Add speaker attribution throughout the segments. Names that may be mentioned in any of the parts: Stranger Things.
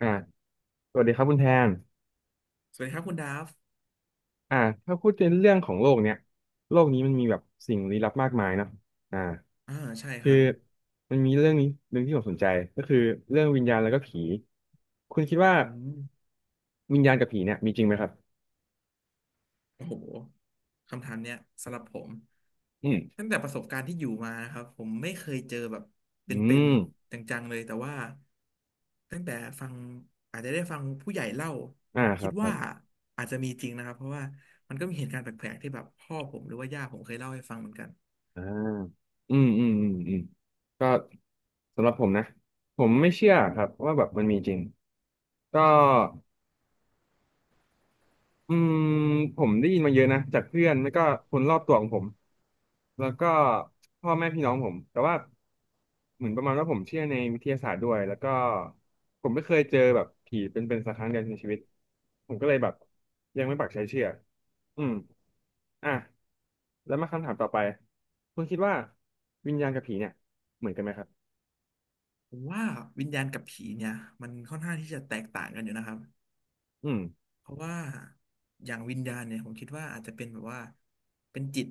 Speaker 1: อ่าสวัสดีครับคุณแทน
Speaker 2: สวัสดีครับคุณดาฟ
Speaker 1: อ่าถ้าพูดในเรื่องของโลกเนี้ยโลกนี้มันมีแบบสิ่งลี้ลับมากมายเนาะอ่า
Speaker 2: อ่าใช่ค
Speaker 1: คือ
Speaker 2: รับ
Speaker 1: มันมีเรื่องนี้เรื่องที่ผมสนใจก็คือเรื่องวิญญาณแล้วก็ผี คุณคิดว่า
Speaker 2: อืม
Speaker 1: วิญญาณกับผีเนี่ยมีจริงไหมครับ
Speaker 2: โอ้โหคำถามเนี้ยสำหรับผม
Speaker 1: อืม
Speaker 2: ตั้งแต่ประสบการณ์ที่อยู่มานะครับผมไม่เคยเจอแบบเป
Speaker 1: อื
Speaker 2: ็น
Speaker 1: ม
Speaker 2: ๆจังๆเลยแต่ว่าตั้งแต่ฟังอาจจะได้ฟังผู้ใหญ่เล่า
Speaker 1: อ่าค
Speaker 2: คิ
Speaker 1: รั
Speaker 2: ด
Speaker 1: บครั
Speaker 2: ว่า
Speaker 1: บ
Speaker 2: อาจจะมีจริงนะครับเพราะว่ามันก็มีเหตุการณ์แปลกๆที่แบบพ่อผมหรือว่าย่าผมเคยเล่าให้ฟังเหมือนกัน
Speaker 1: อ่าอืมอืมอืมอืมก็สำหรับผมนะ ผมไม่เชื่อครับว่าแบบมันมีจริงก็ อืมผมได้ยินมาเยอะนะจากเพื่อนแล้วก็คนรอบตัวของผมแล้วก็พ่อแม่พี่น้องผมแต่ว่าเหมือนประมาณว่าผมเชื่อในวิทยาศาสตร์ด้วยแล้วก็ผมไม่เคยเจอแบบผีเป็นๆสักครั้งเดียวในชีวิตผมก็เลยแบบยังไม่ปักใจเชื่ออืมอ่ะแล้วมาคำถามต่อไปคุณคิดว่าวิญญาณกับผีเนี่ยเหมือนกันไหมครับ
Speaker 2: ผมว่าวิญญาณกับผีเนี่ยมันค่อนข้างที่จะแตกต่างกันอยู่นะครับ
Speaker 1: อืม
Speaker 2: เพราะว่าอย่างวิญญาณเนี่ยผมคิดว่าอาจจะเป็นแบบว่าเป็นจิต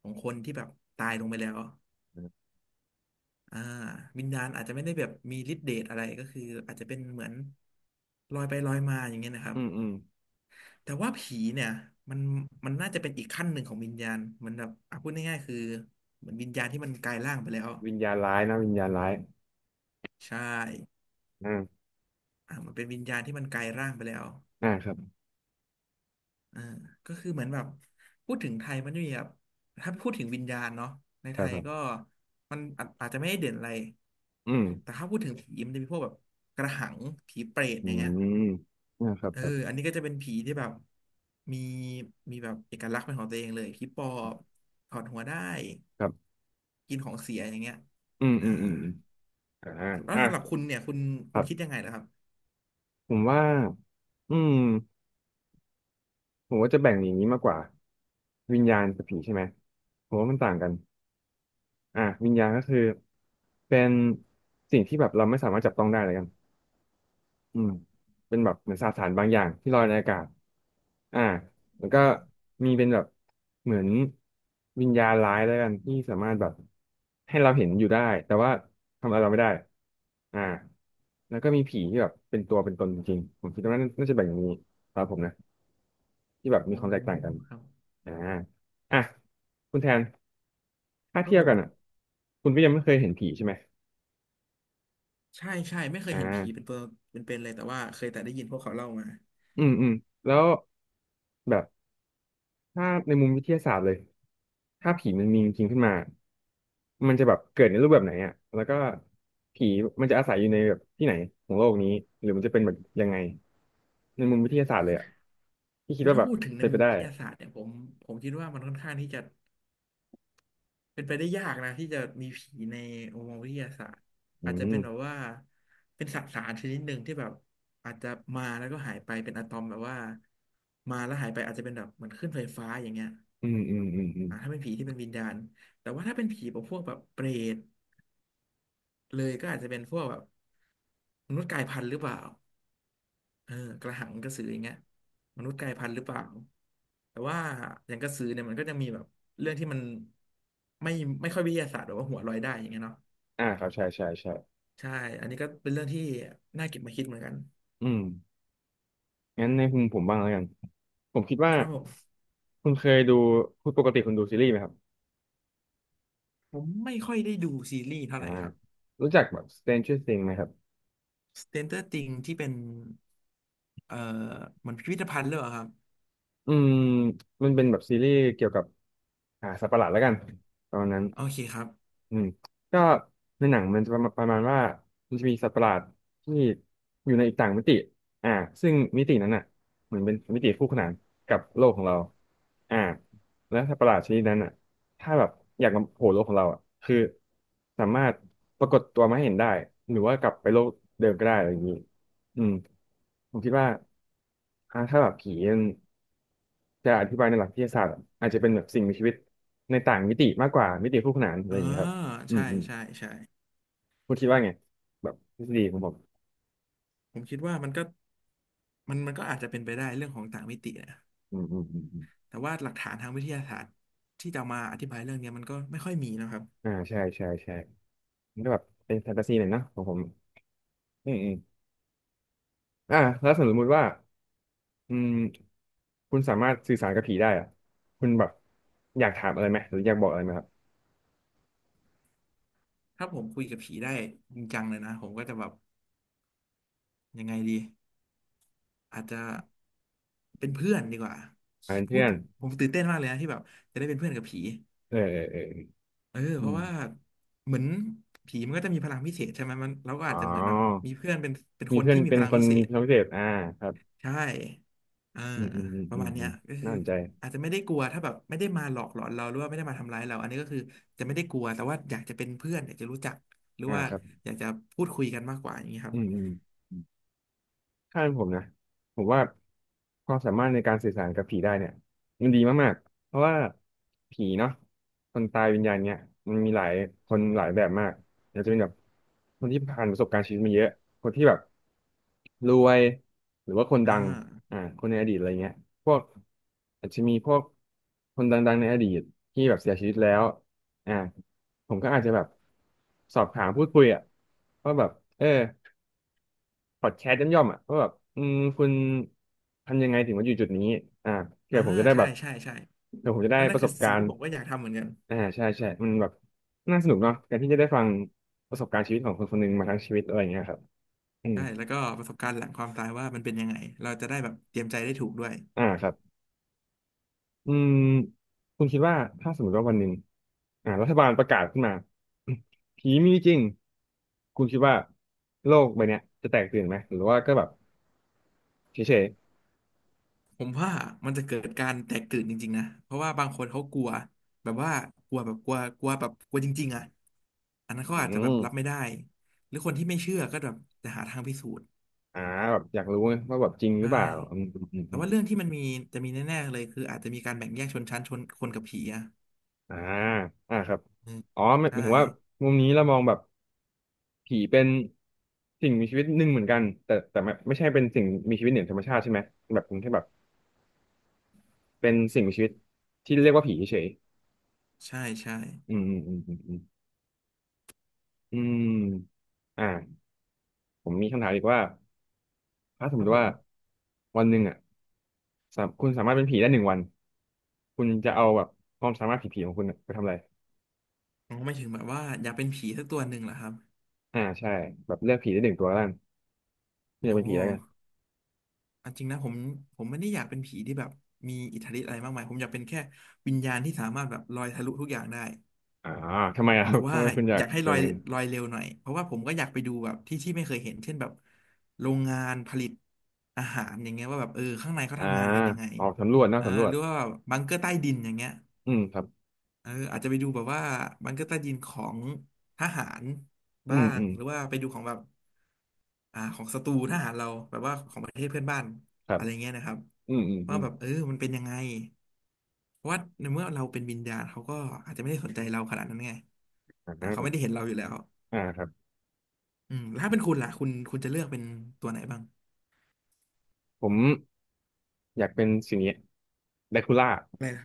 Speaker 2: ของคนที่แบบตายลงไปแล้ว
Speaker 1: อื
Speaker 2: อ่าวิญญาณอาจจะไม่ได้แบบมีฤทธิ์เดชอะไรก็คืออาจจะเป็นเหมือนลอยไปลอยมาอย่างเงี้ยนะครั
Speaker 1: ม
Speaker 2: บ
Speaker 1: อืม
Speaker 2: แต่ว่าผีเนี่ยมันมันน่าจะเป็นอีกขั้นหนึ่งของวิญญาณเหมือนแบบอ่ะพูดง่ายๆคือเหมือนวิญญาณที่มันกลายร่างไปแล้ว
Speaker 1: วิญญาณร้ายนะวิญญาณร้าย
Speaker 2: ใช่
Speaker 1: อ่า
Speaker 2: อ่ามันเป็นวิญญาณที่มันกลายร่างไปแล้ว
Speaker 1: อ่าครับ
Speaker 2: อ่าก็คือเหมือนแบบพูดถึงไทยมันจะมีแบบถ้าพูดถึงวิญญาณเนาะใน
Speaker 1: ค
Speaker 2: ไท
Speaker 1: รับ
Speaker 2: ย
Speaker 1: ครั
Speaker 2: ก็
Speaker 1: บ
Speaker 2: มันอาจจะไม่ได้เด่นอะไร
Speaker 1: อืม
Speaker 2: แต่ถ้าพูดถึงผีมันจะมีพวกแบบกระหังผีเปรต
Speaker 1: อื
Speaker 2: อย่างเงี้ย
Speaker 1: มนะครับ
Speaker 2: เออ
Speaker 1: ครั
Speaker 2: อัน
Speaker 1: บ
Speaker 2: นี้ก็จะเป็นผีที่แบบมีมีแบบเอกลักษณ์เป็นของตัวเองเลยผีปอบถอดหัวได้
Speaker 1: ครับ
Speaker 2: กินของเสียอย่างเงี้ย
Speaker 1: อืม
Speaker 2: อ่า
Speaker 1: อืมอืมอมอ่า
Speaker 2: แล้ว
Speaker 1: อ่ะ
Speaker 2: สำหรับคุณเนี่ยคุณ
Speaker 1: ค
Speaker 2: คุ
Speaker 1: รั
Speaker 2: ณคิด
Speaker 1: บ
Speaker 2: ยังไงล่ะครับ
Speaker 1: ผมว่า อืมผมว่าจะแบ่งอย่างนี้มากกว่าวิญญาณกับผีใช่ไหมผมว่ามันต่างกันอ่ะวิญญาณก็คือเป็นสิ่งที่แบบเราไม่สามารถจับต้องได้เลยกัน อืมเป็นแบบเหมือนสสารบางอย่างที่ลอยในอากาศอ่าแล้วก็
Speaker 2: อ่า
Speaker 1: มีเป็นแบบเหมือนวิญญาณร้ายแล้วกันที่สามารถแบบให้เราเห็นอยู่ได้แต่ว่าทำอะไรเราไม่ได้อ่าแล้วก็มีผีที่แบบเป็นตัวเป็นตนจริงๆผมคิดว่าน่าจะแบ่งอย่างนี้สำหรับผมนะที่แบบมี
Speaker 2: โอ้
Speaker 1: ความแตกต่างกัน
Speaker 2: ครับ
Speaker 1: อ่าอ่ะคุณแทนถ้า
Speaker 2: ครั
Speaker 1: เที
Speaker 2: บ
Speaker 1: ยบ
Speaker 2: ผ
Speaker 1: กั
Speaker 2: ม
Speaker 1: นอ่ะคุณก็ยังไม่เคยเห็นผีใช่ไหม
Speaker 2: ใช่ใช่ไม่เคย
Speaker 1: อ่
Speaker 2: เห็นผีเป็น
Speaker 1: า
Speaker 2: ตัวเป็นเลยแต่ว่าเคยแต่ได้ยินพวกเขาเล่ามา
Speaker 1: อืมอืมแล้วแบบ ถ้าในมุมวิทยาศาสตร์เลยถ้าผีมันมีจริงขึ้นมามันจะแบบเกิดในรูปแบบไหนอ่ะแล้วก็ผีมันจะอาศัยอยู่ในแบบที่ไหนของโลกนี้หรือมันจะเป็นแบบยังไงในมุมวิทยาศาสตร์เลยอ่ะที่คิ
Speaker 2: คื
Speaker 1: ด
Speaker 2: อ
Speaker 1: ว่า
Speaker 2: ถ้า
Speaker 1: แบบ
Speaker 2: พูดถึงใน
Speaker 1: เป็น
Speaker 2: มุ
Speaker 1: ไป
Speaker 2: ม
Speaker 1: ได้
Speaker 2: วิทยาศาสตร์เนี่ยผมคิดว่ามันค่อนข้างที่จะเป็นไปได้ยากนะที่จะมีผีในมุมมองวิทยาศาสตร์
Speaker 1: อื
Speaker 2: อาจจะ
Speaker 1: ม
Speaker 2: เป็นแบบว่าเป็นสสารชนิดหนึ่งที่แบบอาจจะมาแล้วก็หายไปเป็นอะตอมแบบว่ามาแล้วหายไปอาจจะเป็นแบบเหมือนขึ้นไฟฟ้าอย่างเงี้ย
Speaker 1: อืมอืมอืมอืม
Speaker 2: อ่าถ้าเป็นผีที่เป็นวิญญาณแต่ว่าถ้าเป็นผีแบบพวกแบบเปรตเลยก็อาจจะเป็นพวกแบบมนุษย์กลายพันธุ์หรือเปล่า เออกระหังกระสืออย่างเงี้ยมนุษย์กลายพันธุ์หรือเปล่าแต่ว่าอย่างกระสือเนี่ยมันก็จะมีแบบเรื่องที่มันไม่ไม่ค่อยวิทยาศาสตร์หรือว่าหัวลอยได้อย่างเงี้ยเนาะ
Speaker 1: อ่าครับใช่ใช่ใช่
Speaker 2: ใช่อันนี้ก็เป็นเรื่องที่น่าเก็บมาคิดเหมือนกัน
Speaker 1: อืมงั้นในมุมผมบ้างแล้วกันผมคิดว่า
Speaker 2: ครับผม
Speaker 1: คุณเคยดูคุณปกติคุณดูซีรีส์ไหมครับ
Speaker 2: ผมไม่ค่อยได้ดูซีรีส์เท่า
Speaker 1: อ่า
Speaker 2: ไหร่ครับ
Speaker 1: รู้จักแบบ Stranger Things ไหมครับ
Speaker 2: Stranger Things ที่เป็นเอ่อเหมือนพิพิธภัณฑ์หรือเปล่าครับ
Speaker 1: อืมมันเป็นแบบซีรีส์เกี่ยวกับสัตว์ประหลาดแล้วกันประมาณนั้น
Speaker 2: โอเคครับ
Speaker 1: อืมก็ในหนังมันจะประมาณประมาณว่ามันจะมีสัตว์ประหลาดที่อยู่ในอีกต่างมิติอ่าซึ่งมิตินั้นอ่ะเหมือนเป็นมิติคู่ขนานกับโลกของเราอ่าและสัตว์ประหลาดชนิดนั้นอ่ะถ้าแบบอยากมาโผล่โลกของเราอ่ะคือสามารถปรากฏตัวมาให้เห็นได้หรือว่ากลับไปโลกเดิมก็ได้อะไรอย่างนี้อืมผมคิดว่าถ้าแบบผี จะอธิบายในหลักวิทยาศาสตร์อาจจะเป็นแบบสิ่งมีชีวิตในต่างมิติมากกว่ามิติคู่ขนานอะไร
Speaker 2: อ่า
Speaker 1: อย่างเงี้ยครับอื
Speaker 2: ใช่
Speaker 1: มอืม
Speaker 2: ใช่ใช่
Speaker 1: คุณคิดว่าไงแบบทฤษฎีของผม
Speaker 2: ผมคิดว่ามันก็มันก็อาจจะเป็นไปได้เรื่องของต่างมิตินะ
Speaker 1: อืมอืมอืมอม
Speaker 2: แต่ว่าหลักฐานทางวิทยาศาสตร์ที่จะอมาอธิบายเรื่องเนี้ยมันก็ไม่ค่อยมีนะครับ
Speaker 1: อ่าใช่ใช่ใช่มันก็แบบเป็นแฟนตาซีหน่อยเนอะของผมอืมอืมแล้วสมมติว่าอืมคุณสามารถสื่อสารกับผีได้อะคุณแบบอยากถามอะไรไหมหรืออยากบอกอะไรไหมครับ
Speaker 2: ถ้าผมคุยกับผีได้จริงจังเลยนะผมก็จะแบบยังไงดีอาจจะเป็นเพื่อนดีกว่า
Speaker 1: อ่าเป็น
Speaker 2: พู
Speaker 1: เพื่
Speaker 2: ด
Speaker 1: อน
Speaker 2: ผมตื่นเต้นมากเลยนะที่แบบจะได้เป็นเพื่อนกับผี
Speaker 1: เออเออเออ
Speaker 2: เออ
Speaker 1: อื
Speaker 2: เพราะ
Speaker 1: ม
Speaker 2: ว่าเหมือนผีมันก็จะมีพลังพิเศษใช่ไหมมันเราก็
Speaker 1: อ๋
Speaker 2: อา
Speaker 1: อ
Speaker 2: จจะเหมือนแบบมีเพื่อนเป็น
Speaker 1: มี
Speaker 2: คน
Speaker 1: เพื่อน
Speaker 2: ที่มี
Speaker 1: เป็
Speaker 2: พ
Speaker 1: น
Speaker 2: ลัง
Speaker 1: คน
Speaker 2: พิเศ
Speaker 1: มี
Speaker 2: ษ
Speaker 1: พลังพิเศษอ่าครับ
Speaker 2: ใช่เออ
Speaker 1: อืมอืมอืม
Speaker 2: ประ
Speaker 1: อืม
Speaker 2: มาณเนี้
Speaker 1: อื
Speaker 2: ย
Speaker 1: ม
Speaker 2: ก็คื
Speaker 1: น่า
Speaker 2: อ
Speaker 1: สนใจ
Speaker 2: อาจจะไม่ได้กลัวถ้าแบบไม่ได้มาหลอกหลอนเราหรือว่าไม่ได้มาทำร้ายเราอันนี้ก็คือจะไม่ได้กลัวแต่ว่าอยากจะเป็นเพื่อนอยากจะรู้จัก หรือ
Speaker 1: อ่า
Speaker 2: ว่า
Speaker 1: ครับ
Speaker 2: อยากจะพูดคุยกันมากกว่าอย่างนี้ครั
Speaker 1: อื
Speaker 2: บ
Speaker 1: มอืมอืมถ้าเป็นผมนะผมว่าความสามารถในการสื่อสารกับผีได้เนี่ยมันดีมากๆเพราะว่าผีเนาะคนตายวิญญาณเนี่ยมันมีหลายคนหลายแบบมากอาจจะเป็นแบบคนที่ผ่านประสบการณ์ชีวิตมาเยอะคนที่แบบรวยหรือว่าคนดั
Speaker 2: อ่า
Speaker 1: งคนในอดีตอะไรเงี้ยพวกอาจจะมีพวกคนดังๆในอดีตที่แบบเสียชีวิตแล้วอ่าผมก็อาจจะแบบสอบถามพูดคุยอ่ะว่าแบบเออ พอดแคสต์ย่อมๆอ่ะว่าแบบอืมคุณทำยังไงถึงมาอยู่จุดนี้อ่าเผื่
Speaker 2: อ่า
Speaker 1: อผมจะได้แบ
Speaker 2: ใช่
Speaker 1: บ
Speaker 2: ใช่ใช่
Speaker 1: เผื่อผมจะได้
Speaker 2: นั่น
Speaker 1: ป
Speaker 2: น่ะ
Speaker 1: ระส
Speaker 2: คือ
Speaker 1: บกา
Speaker 2: สิ่ง
Speaker 1: ร
Speaker 2: ที่
Speaker 1: ณ์
Speaker 2: ผมก็อยากทำเหมือนกัน
Speaker 1: อ่าใช่ใช่มันแบบน่าสนุกเนาะการที่จะได้ฟังประสบการณ์ชีวิตของคนคนหนึ่งมาทั้งชีวิตอะไรอย่างเงี้ยครับอืม
Speaker 2: ใช่แล้วก็ประสบการณ์หลังความตายว่ามันเป็นยังไงเราจะได้แบบเตรียมใจได้ถูกด้วย
Speaker 1: ครับอืมคุณคิดว่าถ้าสมมติว่าวันหนึ่งรัฐบาลประกาศขึ้นมา ผีมีจริงคุณคิดว่าโลกใบเนี้ยจะแตกตื่นไหมหรือว่าก็แบบเฉย
Speaker 2: ผมว่ามันจะเกิดการแตกตื่นจริงๆนะเพราะว่าบางคนเขากลัวแบบว่ากลัวแบบกลัวกลัวแบบกลัวจริงๆอ่ะอันนั้น
Speaker 1: ๆ
Speaker 2: เขา
Speaker 1: อื
Speaker 2: อาจจะแบ
Speaker 1: ม
Speaker 2: บรับไม่ได้หรือคนที่ไม่เชื่อก็แบบจะหาทางพิสูจน์
Speaker 1: อ่าแบบอยากรู้ไงว่าแบบจริงหรื
Speaker 2: ใช่
Speaker 1: อเปล่าอื
Speaker 2: แต่
Speaker 1: ม
Speaker 2: ว่าเรื่องที่มันมีจะมีแน่ๆเลยคืออาจจะมีการแบ่งแยกชนชั้นชนคนกับผีอ่ะ
Speaker 1: อ่าครับ
Speaker 2: อืม
Speaker 1: อ๋อหมายห
Speaker 2: ใช่
Speaker 1: มายถึงว่ามุมนี้เรามองแบบผีเป็นสิ่งมีชีวิตหนึ่งเหมือนกันแต่ไม่ใช่เป็นสิ่งมีชีวิตเหนือธรรมชาติใช่ไหมแบบเป็นแค่แบบเป็นสิ่งมีชีวิตที่เรียกว่าผีเฉย
Speaker 2: ใช่ใช่
Speaker 1: ๆอืมอืมอืมอืมอืมอืมอ่าผมมีคำถามอีกว่าถ้าสม
Speaker 2: ค
Speaker 1: ม
Speaker 2: รับ
Speaker 1: ติ
Speaker 2: ผ
Speaker 1: ว่า
Speaker 2: ม
Speaker 1: วันหนึ่งอ่ะสามคุณสามารถเป็นผีได้หนึ่งวันคุณจะเอาแบบความสามารถผีๆของคุณอะไปทำอะไร
Speaker 2: อ๋อไม่ถึงแบบว่าอยากเป็นผีสักตัวหนึ่งเหรอครับ
Speaker 1: อ่าใช่แบบเลือกผีได้หนึ่งตัวแล้วกันคุณ
Speaker 2: โอ้
Speaker 1: จะเป็นผีแล้วกัน
Speaker 2: อันจริงนะผมไม่ได้อยากเป็นผีที่แบบมีอิทธิฤทธิ์อะไรมากมายผมอยากเป็นแค่วิญญาณที่สามารถแบบลอยทะลุทุกอย่างได้
Speaker 1: อ่าทำไมอะค
Speaker 2: แต่
Speaker 1: รับ
Speaker 2: ว่า
Speaker 1: ทำไมคุณอยา
Speaker 2: อ
Speaker 1: ก
Speaker 2: ยากให้ล
Speaker 1: เป็
Speaker 2: อ
Speaker 1: น
Speaker 2: ย
Speaker 1: กัน
Speaker 2: เร็วหน่อยเพราะว่าผมก็อยากไปดูแบบที่ไม่เคยเห็นเช่นแบบโรงงานผลิตอาหารอย่างเงี้ยว่าแบบเออข้างในเขา
Speaker 1: อ่า
Speaker 2: ทำงานกันยังไง
Speaker 1: ออกสำรวจนะ
Speaker 2: อ่า
Speaker 1: สำรว
Speaker 2: ห
Speaker 1: จ
Speaker 2: รือว่าแบบบังเกอร์ใต้ดินอย่างเงี้ย
Speaker 1: อืมครับ
Speaker 2: เอออาจจะไปดูแบบว่าบังเกอร์ใต้ดินของทหาร
Speaker 1: อื
Speaker 2: บ้า
Speaker 1: ม
Speaker 2: ง
Speaker 1: อืม
Speaker 2: หรือว่าไปดูของแบบของศัตรูทหารเราแบบว่าของประเทศเพื่อนบ้าน
Speaker 1: ครั
Speaker 2: อะ
Speaker 1: บ
Speaker 2: ไรเงี้ยนะครับ
Speaker 1: อืมอืมอื
Speaker 2: ว่า
Speaker 1: ม
Speaker 2: แบบเออมันเป็นยังไงเพราะว่าในเมื่อเราเป็นวิญญาณเขาก็อาจจะไม่ได้สนใจเราขนาดนั้นไง
Speaker 1: อ่า
Speaker 2: นะเขาไม่ได้เห็นเราอยู่แล้ว
Speaker 1: ครับ
Speaker 2: อืมแล้วถ้าเป็นคุณล่ะคุณจะเลือกเป็นตัวไหนบ้าง
Speaker 1: ผมอยากเป็นสิ่งนี้แดคูล่า
Speaker 2: อะไรนะ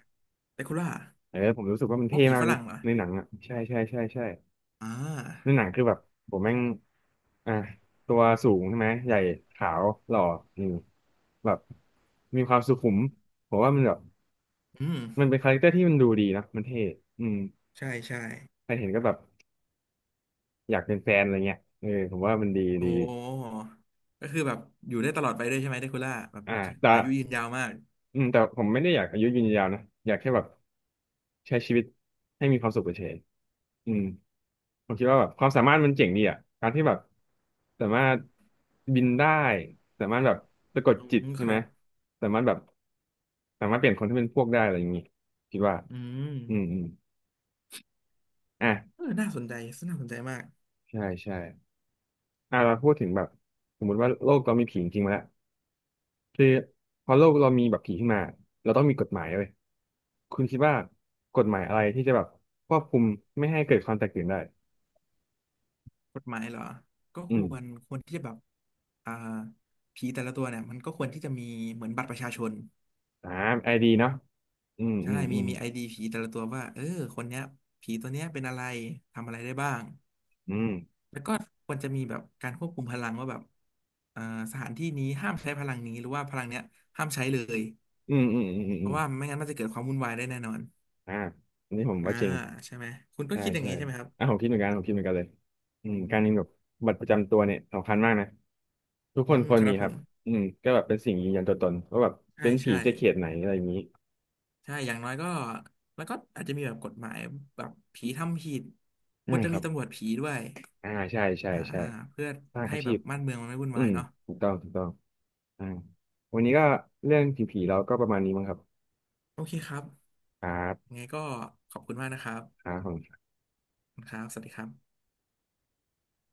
Speaker 2: เปคุณล่า
Speaker 1: เออผมรู้สึกว่ามัน
Speaker 2: เพราะ
Speaker 1: เท่
Speaker 2: มอผี
Speaker 1: มาก
Speaker 2: ฝรั่งเหรอ
Speaker 1: ในหนังอ่ะใช่ใช่ใช่ใช่
Speaker 2: อ่
Speaker 1: ใน
Speaker 2: า
Speaker 1: หนังคือแบบผมแม่งอ่าตัวสูงใช่ไหมใหญ่ขาวหล่ออืมแบบมีความสุขุมผมว่ามันแบบ
Speaker 2: อืม
Speaker 1: มันเป็นคาแรคเตอร์ที่มันดูดีนะมันเท่อืม
Speaker 2: ใช่ใช่
Speaker 1: ใครเห็นก็แบบ อยากเป็นแฟนอะไรเงี้ยเออผมว่ามันดี
Speaker 2: โอ
Speaker 1: ดี
Speaker 2: ้ก็คือแบบอยู่ได้ตลอดไปด้วยใช่ไหมเดคูล่าแบบ
Speaker 1: อ่าแต่
Speaker 2: อายุยืนยาวมาก
Speaker 1: อืมแต่ผมไม่ได้อยากอายุยืนยาวนะอยากแค่แบบใช้ชีวิตให้มีความสุขเฉยๆอืมผมคิดว่าแบบความสามารถมันเจ๋งดีอ่ะการที่แบบสามารถบินได้สามารถแบบสะกด
Speaker 2: อื
Speaker 1: จิต
Speaker 2: ม
Speaker 1: ใช่
Speaker 2: ค
Speaker 1: ไหม
Speaker 2: รับ
Speaker 1: สามารถแบบสามารถเปลี่ยนคนที่เป็นพวกได้อะไรอย่างนี้คิดว่า
Speaker 2: อืม
Speaker 1: อืมอืม
Speaker 2: เอ
Speaker 1: อ่ะ
Speaker 2: อน่าสนใจน่าสนใจมาก
Speaker 1: ใช่ใช่อ่ะเราพูดถึงแบบสมมติว่าโลกเรามีผีจริงๆมาแล้ว คือพอโลกเรามีแบบผีขึ้นมาเราต้องมีกฎหมายเว้ยคุณคิดว่ากฎหมายอะไรที่จะแบบควบคุมไม่ให้เกิดความแตกตื่นได้
Speaker 2: กฎหมายเหรอก็
Speaker 1: อื
Speaker 2: ค
Speaker 1: ม
Speaker 2: วรที่จะแบบอ่าผีแต่ละตัวเนี่ยมันก็ควรที่จะมีเหมือนบัตรประชาชน
Speaker 1: อ่าไอดีเนาะอืม
Speaker 2: ใช่
Speaker 1: อืมอื
Speaker 2: มี
Speaker 1: ม
Speaker 2: ไอดีผีแต่ละตัวว่าเออคนเนี้ยผีตัวเนี้ยเป็นอะไรทำอะไรได้บ้าง
Speaker 1: อืม
Speaker 2: แล้วก็ควรจะมีแบบการควบคุมพลังว่าแบบสถานที่นี้ห้ามใช้พลังนี้หรือว่าพลังเนี้ยห้ามใช้เลย
Speaker 1: อืมอืมอืมอืม
Speaker 2: เพ
Speaker 1: อืม
Speaker 2: ราะว่าไม่งั้นมันจะเกิดความวุ่นวายได้แน่นอน
Speaker 1: อ่าอันนี้ผม
Speaker 2: อ่า
Speaker 1: ว่าจริง
Speaker 2: ใช่ไหมคุณก็
Speaker 1: ใช่
Speaker 2: คิดอย่าง
Speaker 1: ใช่
Speaker 2: นี้ใช่ไหมครับ
Speaker 1: อ่ะผมคิดเหมือนกันผมคิดเหมือนกันเลยอืม
Speaker 2: อื
Speaker 1: การมีแบ
Speaker 2: ม
Speaker 1: บบัตรประจำตัวเนี่ยสำคัญมากนะทุกค
Speaker 2: อื
Speaker 1: น
Speaker 2: ม
Speaker 1: ควร
Speaker 2: ค
Speaker 1: มี
Speaker 2: รับ
Speaker 1: ค
Speaker 2: ผ
Speaker 1: รับ
Speaker 2: ม
Speaker 1: อืมก็แบบเป็นสิ่งยืนยันตัวตนว่าแบบ
Speaker 2: ใช่
Speaker 1: เป็นผี
Speaker 2: ใช่
Speaker 1: จะเขตไหนอะไรอย่างนี้
Speaker 2: ใช่อย่างน้อยก็แล้วก็อาจจะมีแบบกฎหมายแบบผีทำผิดค
Speaker 1: อ่า
Speaker 2: วรจะ
Speaker 1: ค
Speaker 2: มี
Speaker 1: รับ
Speaker 2: ตำรวจผีด้วย
Speaker 1: อ่าใช่ใช่
Speaker 2: อ่า
Speaker 1: ใช่
Speaker 2: เพื่อ
Speaker 1: สร้าง
Speaker 2: ให้
Speaker 1: อา
Speaker 2: แบ
Speaker 1: ชี
Speaker 2: บ
Speaker 1: พ
Speaker 2: บ้านเมืองมันไม่วุ่น
Speaker 1: อื
Speaker 2: วาย
Speaker 1: ม
Speaker 2: เนาะ
Speaker 1: ถูกต้องถูกต้องอ่าวันนี้ก็เรื่องผีๆเราก็ประมาณนี้มั้งครับ
Speaker 2: โอเคครับ
Speaker 1: ครับ
Speaker 2: ยังไงก็ขอบคุณมากนะครับ
Speaker 1: ครับ
Speaker 2: ขอบคุณครับสวัสดีครับ